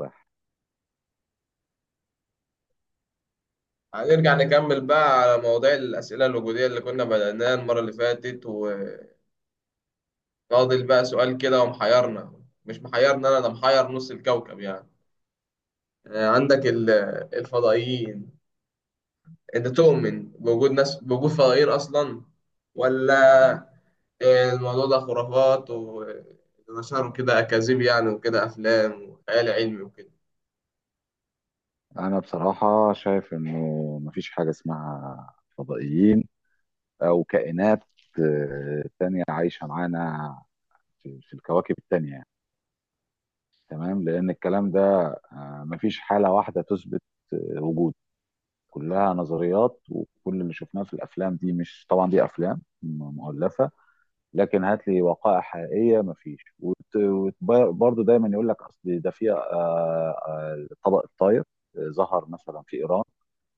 رايح. هنرجع نكمل بقى على مواضيع الأسئلة الوجودية اللي كنا بدأناها المرة اللي فاتت وناضل بقى سؤال كده، ومحيرنا مش محيرنا، أنا ده محير نص الكوكب يعني. عندك الفضائيين. أنت تؤمن بوجود بوجود فضائيين أصلا ولا؟ الموضوع ده خرافات ونشروا كده أكاذيب يعني، وكده أفلام وخيال علمي وكده. انا بصراحه شايف انه مفيش حاجه اسمها فضائيين او كائنات تانية عايشه معانا في الكواكب التانية، يعني تمام، لان الكلام ده مفيش حاله واحده تثبت وجود. كلها نظريات، وكل اللي شفناه في الافلام دي، مش طبعا دي افلام مؤلفه. لكن هات لي وقائع حقيقيه، مفيش. وبرضه دايما يقول لك اصل ده في، طبق الطاير ظهر مثلا في ايران،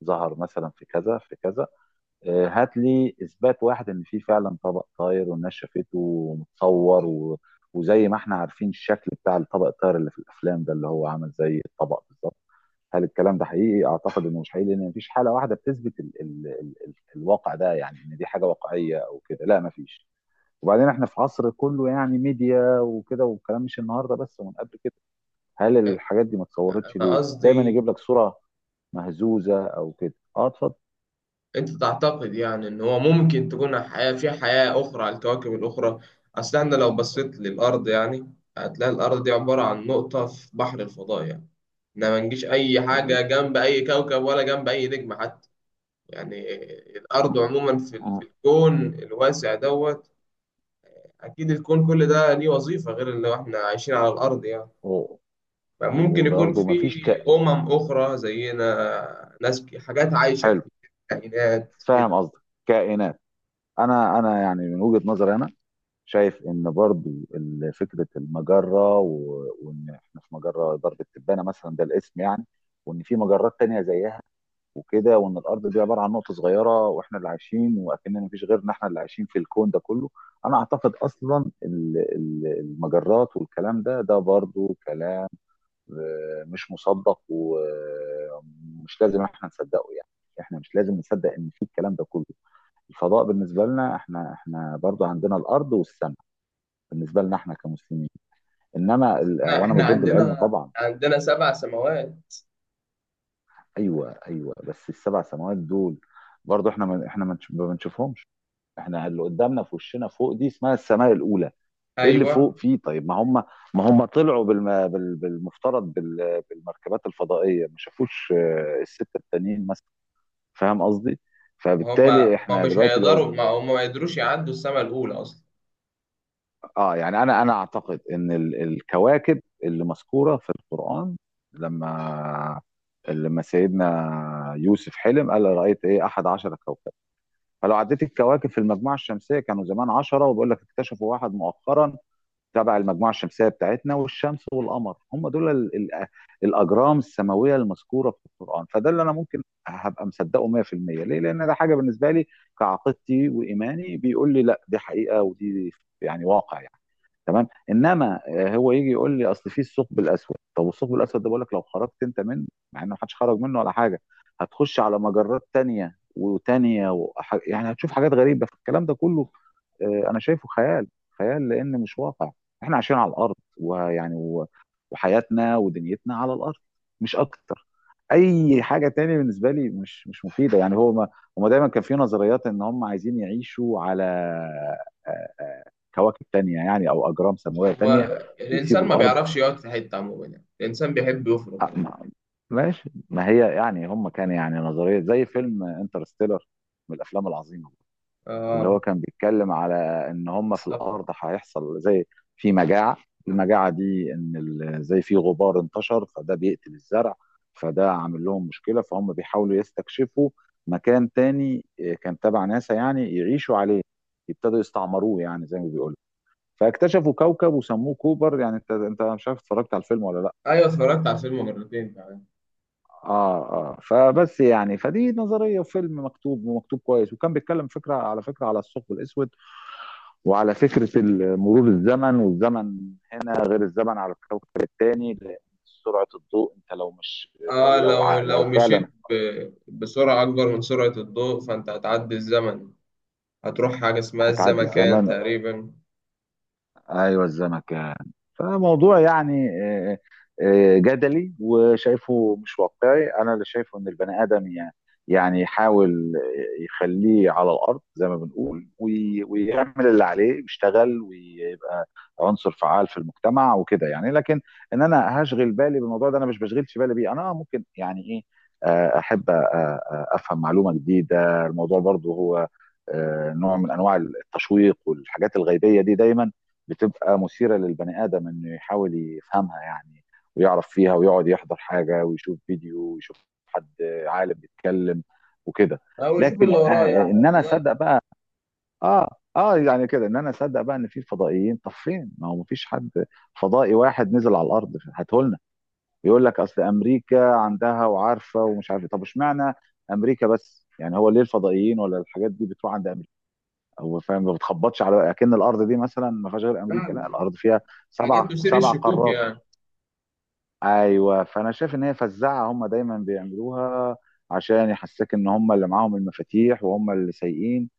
ظهر مثلا في كذا في كذا. هات لي اثبات واحد ان في فعلا طبق طاير والناس شافته ومتصور. وزي ما احنا عارفين الشكل بتاع الطبق الطاير اللي في الافلام ده، اللي هو عامل زي الطبق بالظبط. هل الكلام ده حقيقي؟ اعتقد انه مش حقيقي، لان مفيش حاله واحده بتثبت الواقع ده، يعني ان دي حاجه واقعيه او كده. لا، مفيش. وبعدين احنا في عصر كله يعني ميديا وكده، والكلام مش النهارده بس ومن قبل كده. هل الحاجات دي ما اتصورتش أنا ليه؟ دايما قصدي يجيب لك صوره مهزوزه او كده. اه، اتفضل. انت تعتقد يعني ان هو ممكن تكون حياة في حياة اخرى على الكواكب الاخرى. اصل احنا لو بصيت للارض يعني هتلاقي الارض دي عبارة عن نقطة في بحر الفضاء يعني، إحنا ما نجيش اي مظبوط. حاجة جنب اي كوكب ولا جنب اي نجم حتى. يعني م- الارض عموما في م- الكون الواسع دوت. اكيد الكون كل ده ليه وظيفة غير اللي احنا عايشين على الارض يعني، فممكن يكون وبرضه ما في فيش اخرى زينا، ناس، حاجات عايشة حلو. كتير، كائنات فاهم كده. قصدك، كائنات. انا يعني من وجهه نظري انا، شايف ان برضو فكره المجره، وان احنا في مجره درب التبانه مثلا، ده الاسم يعني. وان في مجرات تانية زيها وكده، وان الارض دي عباره عن نقطه صغيره، واحنا اللي عايشين، واكننا مفيش غيرنا احنا اللي عايشين في الكون ده كله. انا اعتقد اصلا المجرات والكلام ده، برضو كلام مش مصدق، ومش لازم احنا نصدقه يعني. احنا مش لازم نصدق ان في الكلام ده كله. الفضاء بالنسبه لنا، احنا برضو عندنا الارض والسماء، بالنسبه لنا احنا كمسلمين. انما احنا وانا مش احنا ضد العلم عندنا طبعا. عندنا 7 سماوات. ايوه، بس السبع سماوات دول، برضو احنا ما بنشوفهمش. احنا اللي قدامنا في وشنا فوق دي اسمها السماء الاولى. ايه اللي فوق ايوه. فيه؟ طيب، ما هم طلعوا بالمفترض بالمركبات الفضائيه، ما شافوش السته التانيين مثلا. فاهم قصدي؟ فبالتالي احنا دلوقتي لو، ما هم ما يقدروش يعدوا السماء الاولى اصلا. اه، يعني انا اعتقد ان الكواكب اللي مذكوره في القران، لما لما سيدنا يوسف حلم، قال رأيت ايه 11 كوكبا. فلو عديت الكواكب في المجموعه الشمسيه كانوا زمان 10، وبقول لك اكتشفوا واحد مؤخرا تبع المجموعه الشمسيه بتاعتنا، والشمس والقمر، هم دول الاجرام السماويه المذكوره في القران. فده اللي انا ممكن هبقى مصدقه 100%. ليه؟ لان ده حاجه بالنسبه لي كعقيدتي وايماني، بيقول لي لا، دي حقيقه ودي يعني واقع يعني. تمام. انما هو يجي يقول لي اصل في الثقب الاسود، طب الثقب الاسود ده بقول لك لو خرجت انت منه، مع ان محدش خرج منه ولا حاجه، هتخش على مجرات تانية وتانية، يعني هتشوف حاجات غريبه. فالكلام ده كله انا شايفه خيال، خيال لان مش واقع. احنا عايشين على الارض، ويعني وحياتنا ودنيتنا على الارض، مش اكتر. اي حاجه تانية بالنسبه لي مش مفيده، يعني هو ما... هما دايما كان في نظريات ان هم عايزين يعيشوا على آه، آه، كواكب تانية يعني، او اجرام سماويه هو تانية، الانسان ويسيبوا ما الارض. بيعرفش يقعد في حته عموما يعني، الانسان بيحب يفرق أ- على طول. ما- ماشي، ما هي يعني هم كان يعني نظريه زي فيلم انترستيلر، من الافلام العظيمه، اللي اه، هو كان بيتكلم على ان هم في السفر. الارض هيحصل زي في مجاعه. المجاعه دي ان زي في غبار انتشر، فده بيقتل الزرع، فده عامل لهم مشكله، فهم بيحاولوا يستكشفوا مكان تاني، كان تبع ناسا، يعني يعيشوا عليه، يبتدوا يستعمروه يعني زي ما بيقولوا. فاكتشفوا كوكب وسموه كوبر. يعني انت مش عارف اتفرجت على الفيلم ولا لا؟ ايوه، اتفرجت على الفيلم مرتين كمان. اه اه. فبس يعني، فدي نظريه وفيلم مكتوب ومكتوب كويس، وكان بيتكلم فكره على فكره على الثقب الاسود، وعلى فكره مرور الزمن. والزمن هنا غير الزمن على الكوكب الثاني، لان سرعه الضوء، انت لو مش، اه، لو لو لو فعلا بسرعه اكبر من سرعه الضوء فانت هتعدي الزمن، هتروح حاجه اسمها هتعدي الزمكان الزمن. تقريبا. ايوه، الزمكان. فموضوع يعني، آه، جدلي، وشايفه مش واقعي. انا اللي شايفه ان البني ادم يعني، يحاول يخليه على الارض زي ما بنقول، ويعمل اللي عليه، ويشتغل ويبقى عنصر فعال في المجتمع وكده يعني. لكن ان انا هشغل بالي بالموضوع ده، انا مش بشغلش بالي بيه. انا ممكن يعني ايه، احب افهم معلومه جديده. الموضوع برضو هو نوع من انواع التشويق، والحاجات الغيبيه دي دايما بتبقى مثيره للبني ادم انه يحاول يفهمها يعني، ويعرف فيها، ويقعد يحضر حاجه، ويشوف فيديو، ويشوف حد عالم بيتكلم وكده. او يشوف لكن اللي وراه آه يعني، ان انا لا اصدق بقى، اه اه يعني كده ان انا اصدق بقى ان في فضائيين، طب فين؟ ما هو مفيش حد فضائي واحد نزل على الارض هاته لنا. ويقول لك اصل امريكا عندها وعارفه ومش عارفه، طب اشمعنى امريكا بس؟ يعني هو ليه الفضائيين ولا الحاجات دي بتروح عند امريكا؟ هو فاهم ما بتخبطش، على اكن الارض دي مثلا ما فيهاش غير امريكا. فعلا. لا، الارض فيها سبع حاجات تثير سبع الشكوك قارات. يعني. ايوه. فانا شايف ان هي فزاعه هم دايما بيعملوها، عشان يحسسك ان هم اللي معاهم المفاتيح، وهم اللي سايقين،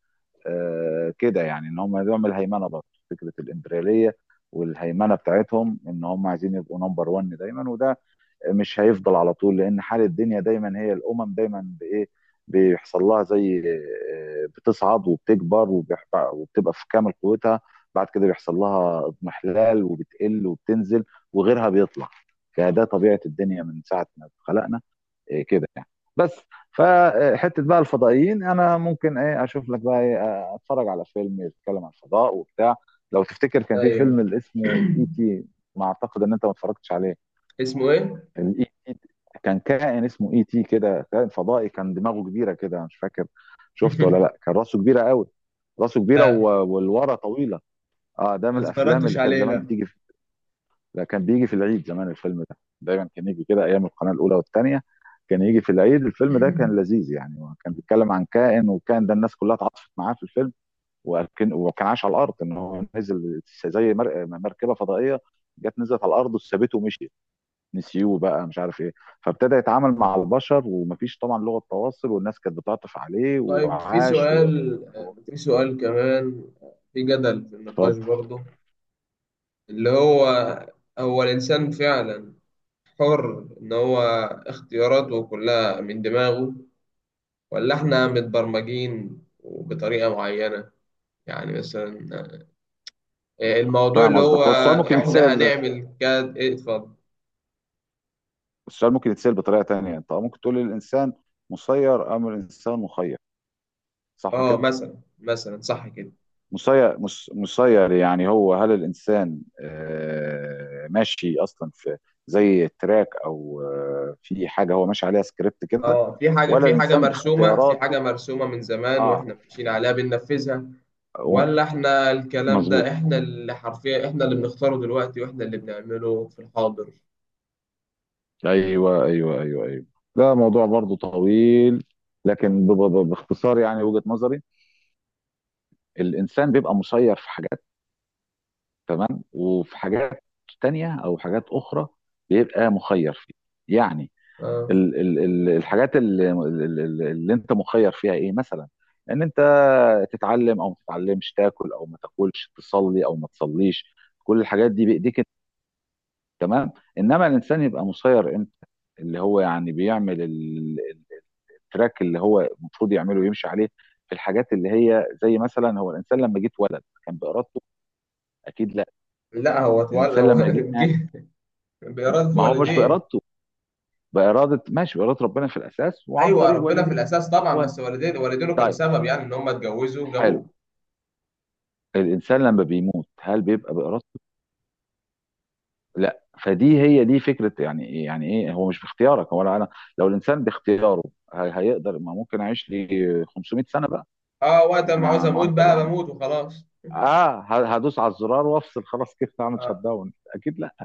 آه كده يعني. ان هم يعمل هيمنه برضه، فكره الامبرياليه والهيمنه بتاعتهم، ان هم عايزين يبقوا نمبر 1 دايما. وده مش هيفضل على طول، لان حال الدنيا دايما، هي الامم دايما بايه بيحصل لها زي بتصعد وبتكبر، وبتبقى في كامل قوتها، بعد كده بيحصل لها اضمحلال، وبتقل وبتنزل، وغيرها بيطلع. فده طبيعة الدنيا من ساعة ما اتخلقنا كده يعني. بس، فحتة بقى الفضائيين، انا ممكن ايه اشوف لك بقى إيه، اتفرج على فيلم يتكلم عن الفضاء وبتاع. لو تفتكر كان في فيلم ايوه. اللي اسمه الاي تي، ما اعتقد ان انت ما اتفرجتش عليه، اسمه ايه؟ الاي تي، كان كائن اسمه اي تي كده، كائن فضائي، كان دماغه كبيره كده، مش فاكر شفته ولا لا، كان راسه كبيره قوي، راسه كبيره لا، والورا طويله. اه، ده من ما الافلام اتفرجتش اللي كانت عليه زمان لا. بتيجي لا، كان بيجي في العيد زمان. الفيلم ده دايما كان يجي كده ايام القناه الاولى والثانيه، كان يجي في العيد. الفيلم ده كان لذيذ يعني، هو كان بيتكلم عن كائن، وكان ده الناس كلها اتعاطفت معاه في الفيلم. وكان عايش على الارض، ان هو نزل زي مركبه فضائيه جت نزلت على الارض وسابته ومشيت، نسيوه بقى مش عارف ايه. فابتدى يتعامل مع البشر، ومفيش طبعا لغه تواصل، والناس كانت بتعطف عليه، طيب وعاش و... في سؤال كمان. في جدل في اتفضل. النقاش برضه، اللي هو الإنسان فعلا حر إن هو اختياراته كلها من دماغه، ولا إحنا متبرمجين بطريقة معينة؟ يعني مثلا الموضوع فاهم اللي قصدك. هو هو السؤال ممكن إحنا يتسال، هنعمل كذا. إيه، اتفضل. السؤال ممكن يتسال بطريقه تانية. انت ممكن تقول الانسان مسير ام الانسان مخير، صح اه، كده؟ مثلا صح كده. مسير، مسير يعني، هو هل الانسان ماشي اصلا في زي تراك، او في حاجه هو ماشي عليها سكريبت كده، اه، ولا الانسان في باختياراته؟ حاجة مرسومة من زمان وإحنا اه، ماشيين عليها بننفذها، و- ولا احنا الكلام مظبوط. ده احنا اللي حرفيا، احنا اللي بنختاره دلوقتي واحنا اللي بنعمله في الحاضر؟ ايوه، ده موضوع برضو طويل، لكن باختصار، يعني وجهة نظري: الانسان بيبقى مسير في حاجات، تمام، وفي حاجات تانية او حاجات اخرى بيبقى مخير فيها. يعني آه. ال ال ال الحاجات اللي انت مخير فيها ايه مثلا؟ ان انت تتعلم او ما تتعلمش، تاكل او ما تاكلش، تصلي او ما تصليش. كل الحاجات دي بايديك انت، تمام. انما الانسان يبقى مسير امتى؟ اللي هو يعني بيعمل التراك اللي هو المفروض يعمله ويمشي عليه، في الحاجات اللي هي زي مثلا: هو الانسان لما جه اتولد كان بارادته؟ اكيد لا. لا هو اتولى الانسان هو لما جه، جه بإرادة ما هو مش والديه. بارادته، باراده، ماشي، باراده ربنا في الاساس، وعن ايوه، طريق ربنا والديه في الاساس طبعا، اتولد. بس والديه والدينه كانوا طيب، سبب يعني ان هم اتجوزوا حلو. وجابوه. الانسان لما بيموت هل بيبقى بارادته؟ لا. فدي هي دي فكره، يعني يعني ايه، هو مش باختيارك ولا انا. لو الانسان باختياره، هيقدر ما ممكن اعيش لي 500 سنه بقى؟ اه، وقت ما عاوز احنا اموت معدل بقى العمر، بموت وخلاص. اه، هدوس على الزرار وافصل خلاص كيف اعمل شت آه. داون، اكيد لا.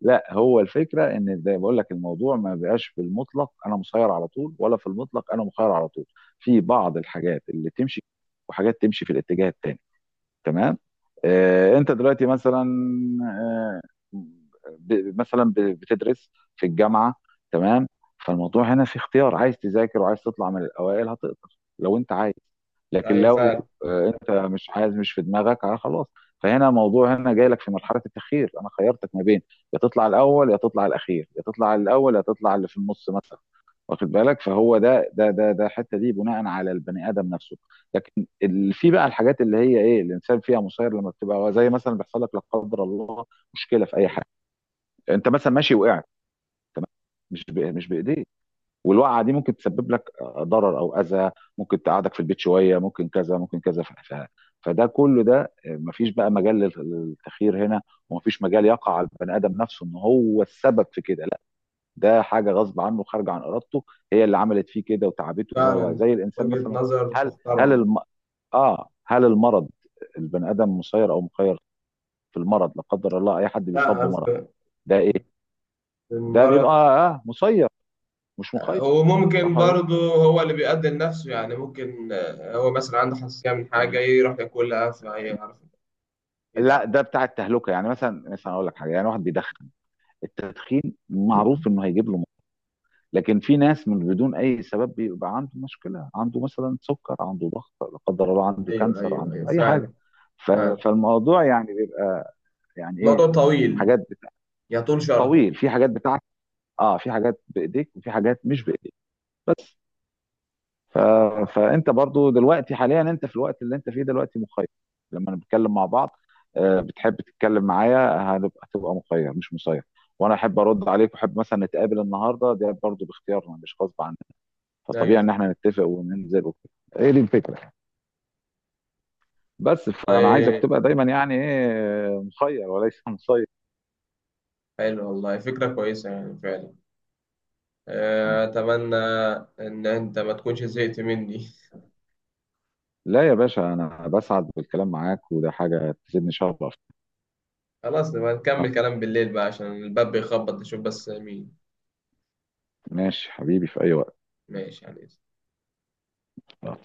لا، هو الفكره ان زي بقول لك، الموضوع ما بقاش بالمطلق انا مسير على طول، ولا في المطلق انا مخير على طول. في بعض الحاجات اللي تمشي، وحاجات تمشي في الاتجاه التاني. تمام. انت دلوقتي مثلا، آه، ب- مثلا ب- بتدرس في الجامعه، تمام. فالموضوع هنا في اختيار، عايز تذاكر وعايز تطلع من الاوائل هتقدر لو انت عايز. لكن ايوه لو فعلا. انت مش عايز، مش في دماغك، خلاص. فهنا الموضوع هنا جاي لك في مرحله التخيير، انا خيرتك ما بين يا تطلع الاول يا تطلع الاخير، يا تطلع الاول يا تطلع اللي في النص مثلا، واخد بالك. فهو ده الحته دي بناء على البني ادم نفسه. في بقى الحاجات اللي هي ايه الانسان فيها مسير، لما بتبقى زي مثلا بيحصل لك لا قدر الله مشكله في اي حاجه، انت مثلا ماشي وقعت، تمام، مش بايديك. والوقعه دي ممكن تسبب لك ضرر او اذى، ممكن تقعدك في البيت شويه، ممكن كذا ممكن كذا، فده كله، ده مفيش بقى مجال للتخيير هنا. ومفيش مجال يقع على البني ادم نفسه ان هو السبب في كده، لا. ده حاجه غصب عنه، خارجه عن ارادته، هي اللي عملت فيه كده وتعبته فعلا، زي الانسان وجهة مثلا. نظر هل هل تحترم. الم- اه هل المرض، البني ادم مسير او مخير في المرض؟ لا قدر الله اي حد بيصاب لا، بمرض، في ده ايه؟ ده بيبقى المرض. اه مسير، مش مخير، وممكن صح ولا؟ برضه هو اللي بيقدم نفسه، يعني ممكن هو مثلا عنده حساسية من لا، حاجة يروح ياكلها فيعرف لا يتعب. ده بتاع التهلكه يعني، مثلا مثلا اقول لك حاجه يعني واحد بيدخن، التدخين معروف انه هيجيب له لكن في ناس من بدون اي سبب بيبقى عنده مشكله، عنده مثلا سكر، عنده ضغط لا قدر الله، عنده ايوه كانسر، ايوه عنده ايوه اي حاجه. فعلا. ف- فعلا. فالموضوع يعني بيبقى يعني ايه، الموضوع طويل حاجات بتاع، يطول شرحه. طويل، في حاجات بتاعت، اه، في حاجات بايديك وفي حاجات مش بايديك، بس. ف... فانت برضو دلوقتي حاليا، انت في الوقت اللي انت فيه دلوقتي مخير. لما نتكلم مع بعض بتحب تتكلم معايا، هنبقى تبقى مخير مش مسير. وانا احب ارد عليك، واحب مثلا نتقابل النهارده، ده برضو باختيارنا مش غصب عننا. فطبيعي ايوه ان فعلا. احنا نتفق وننزل وكده. ايه دي الفكره. بس فانا عايزك والله، تبقى دايما يعني ايه مخير وليس مسير. حلو والله، فكرة كويسة يعني فعلا. آه. أتمنى إن أنت ما تكونش زهقت مني. لا يا باشا، انا بسعد بالكلام معاك، وده حاجه تزيدني شرف. خلاص نبقى نكمل كلام بالليل بقى عشان الباب بيخبط، نشوف بس مين. ماشي حبيبي، في اي وقت. ماشي يعني آه.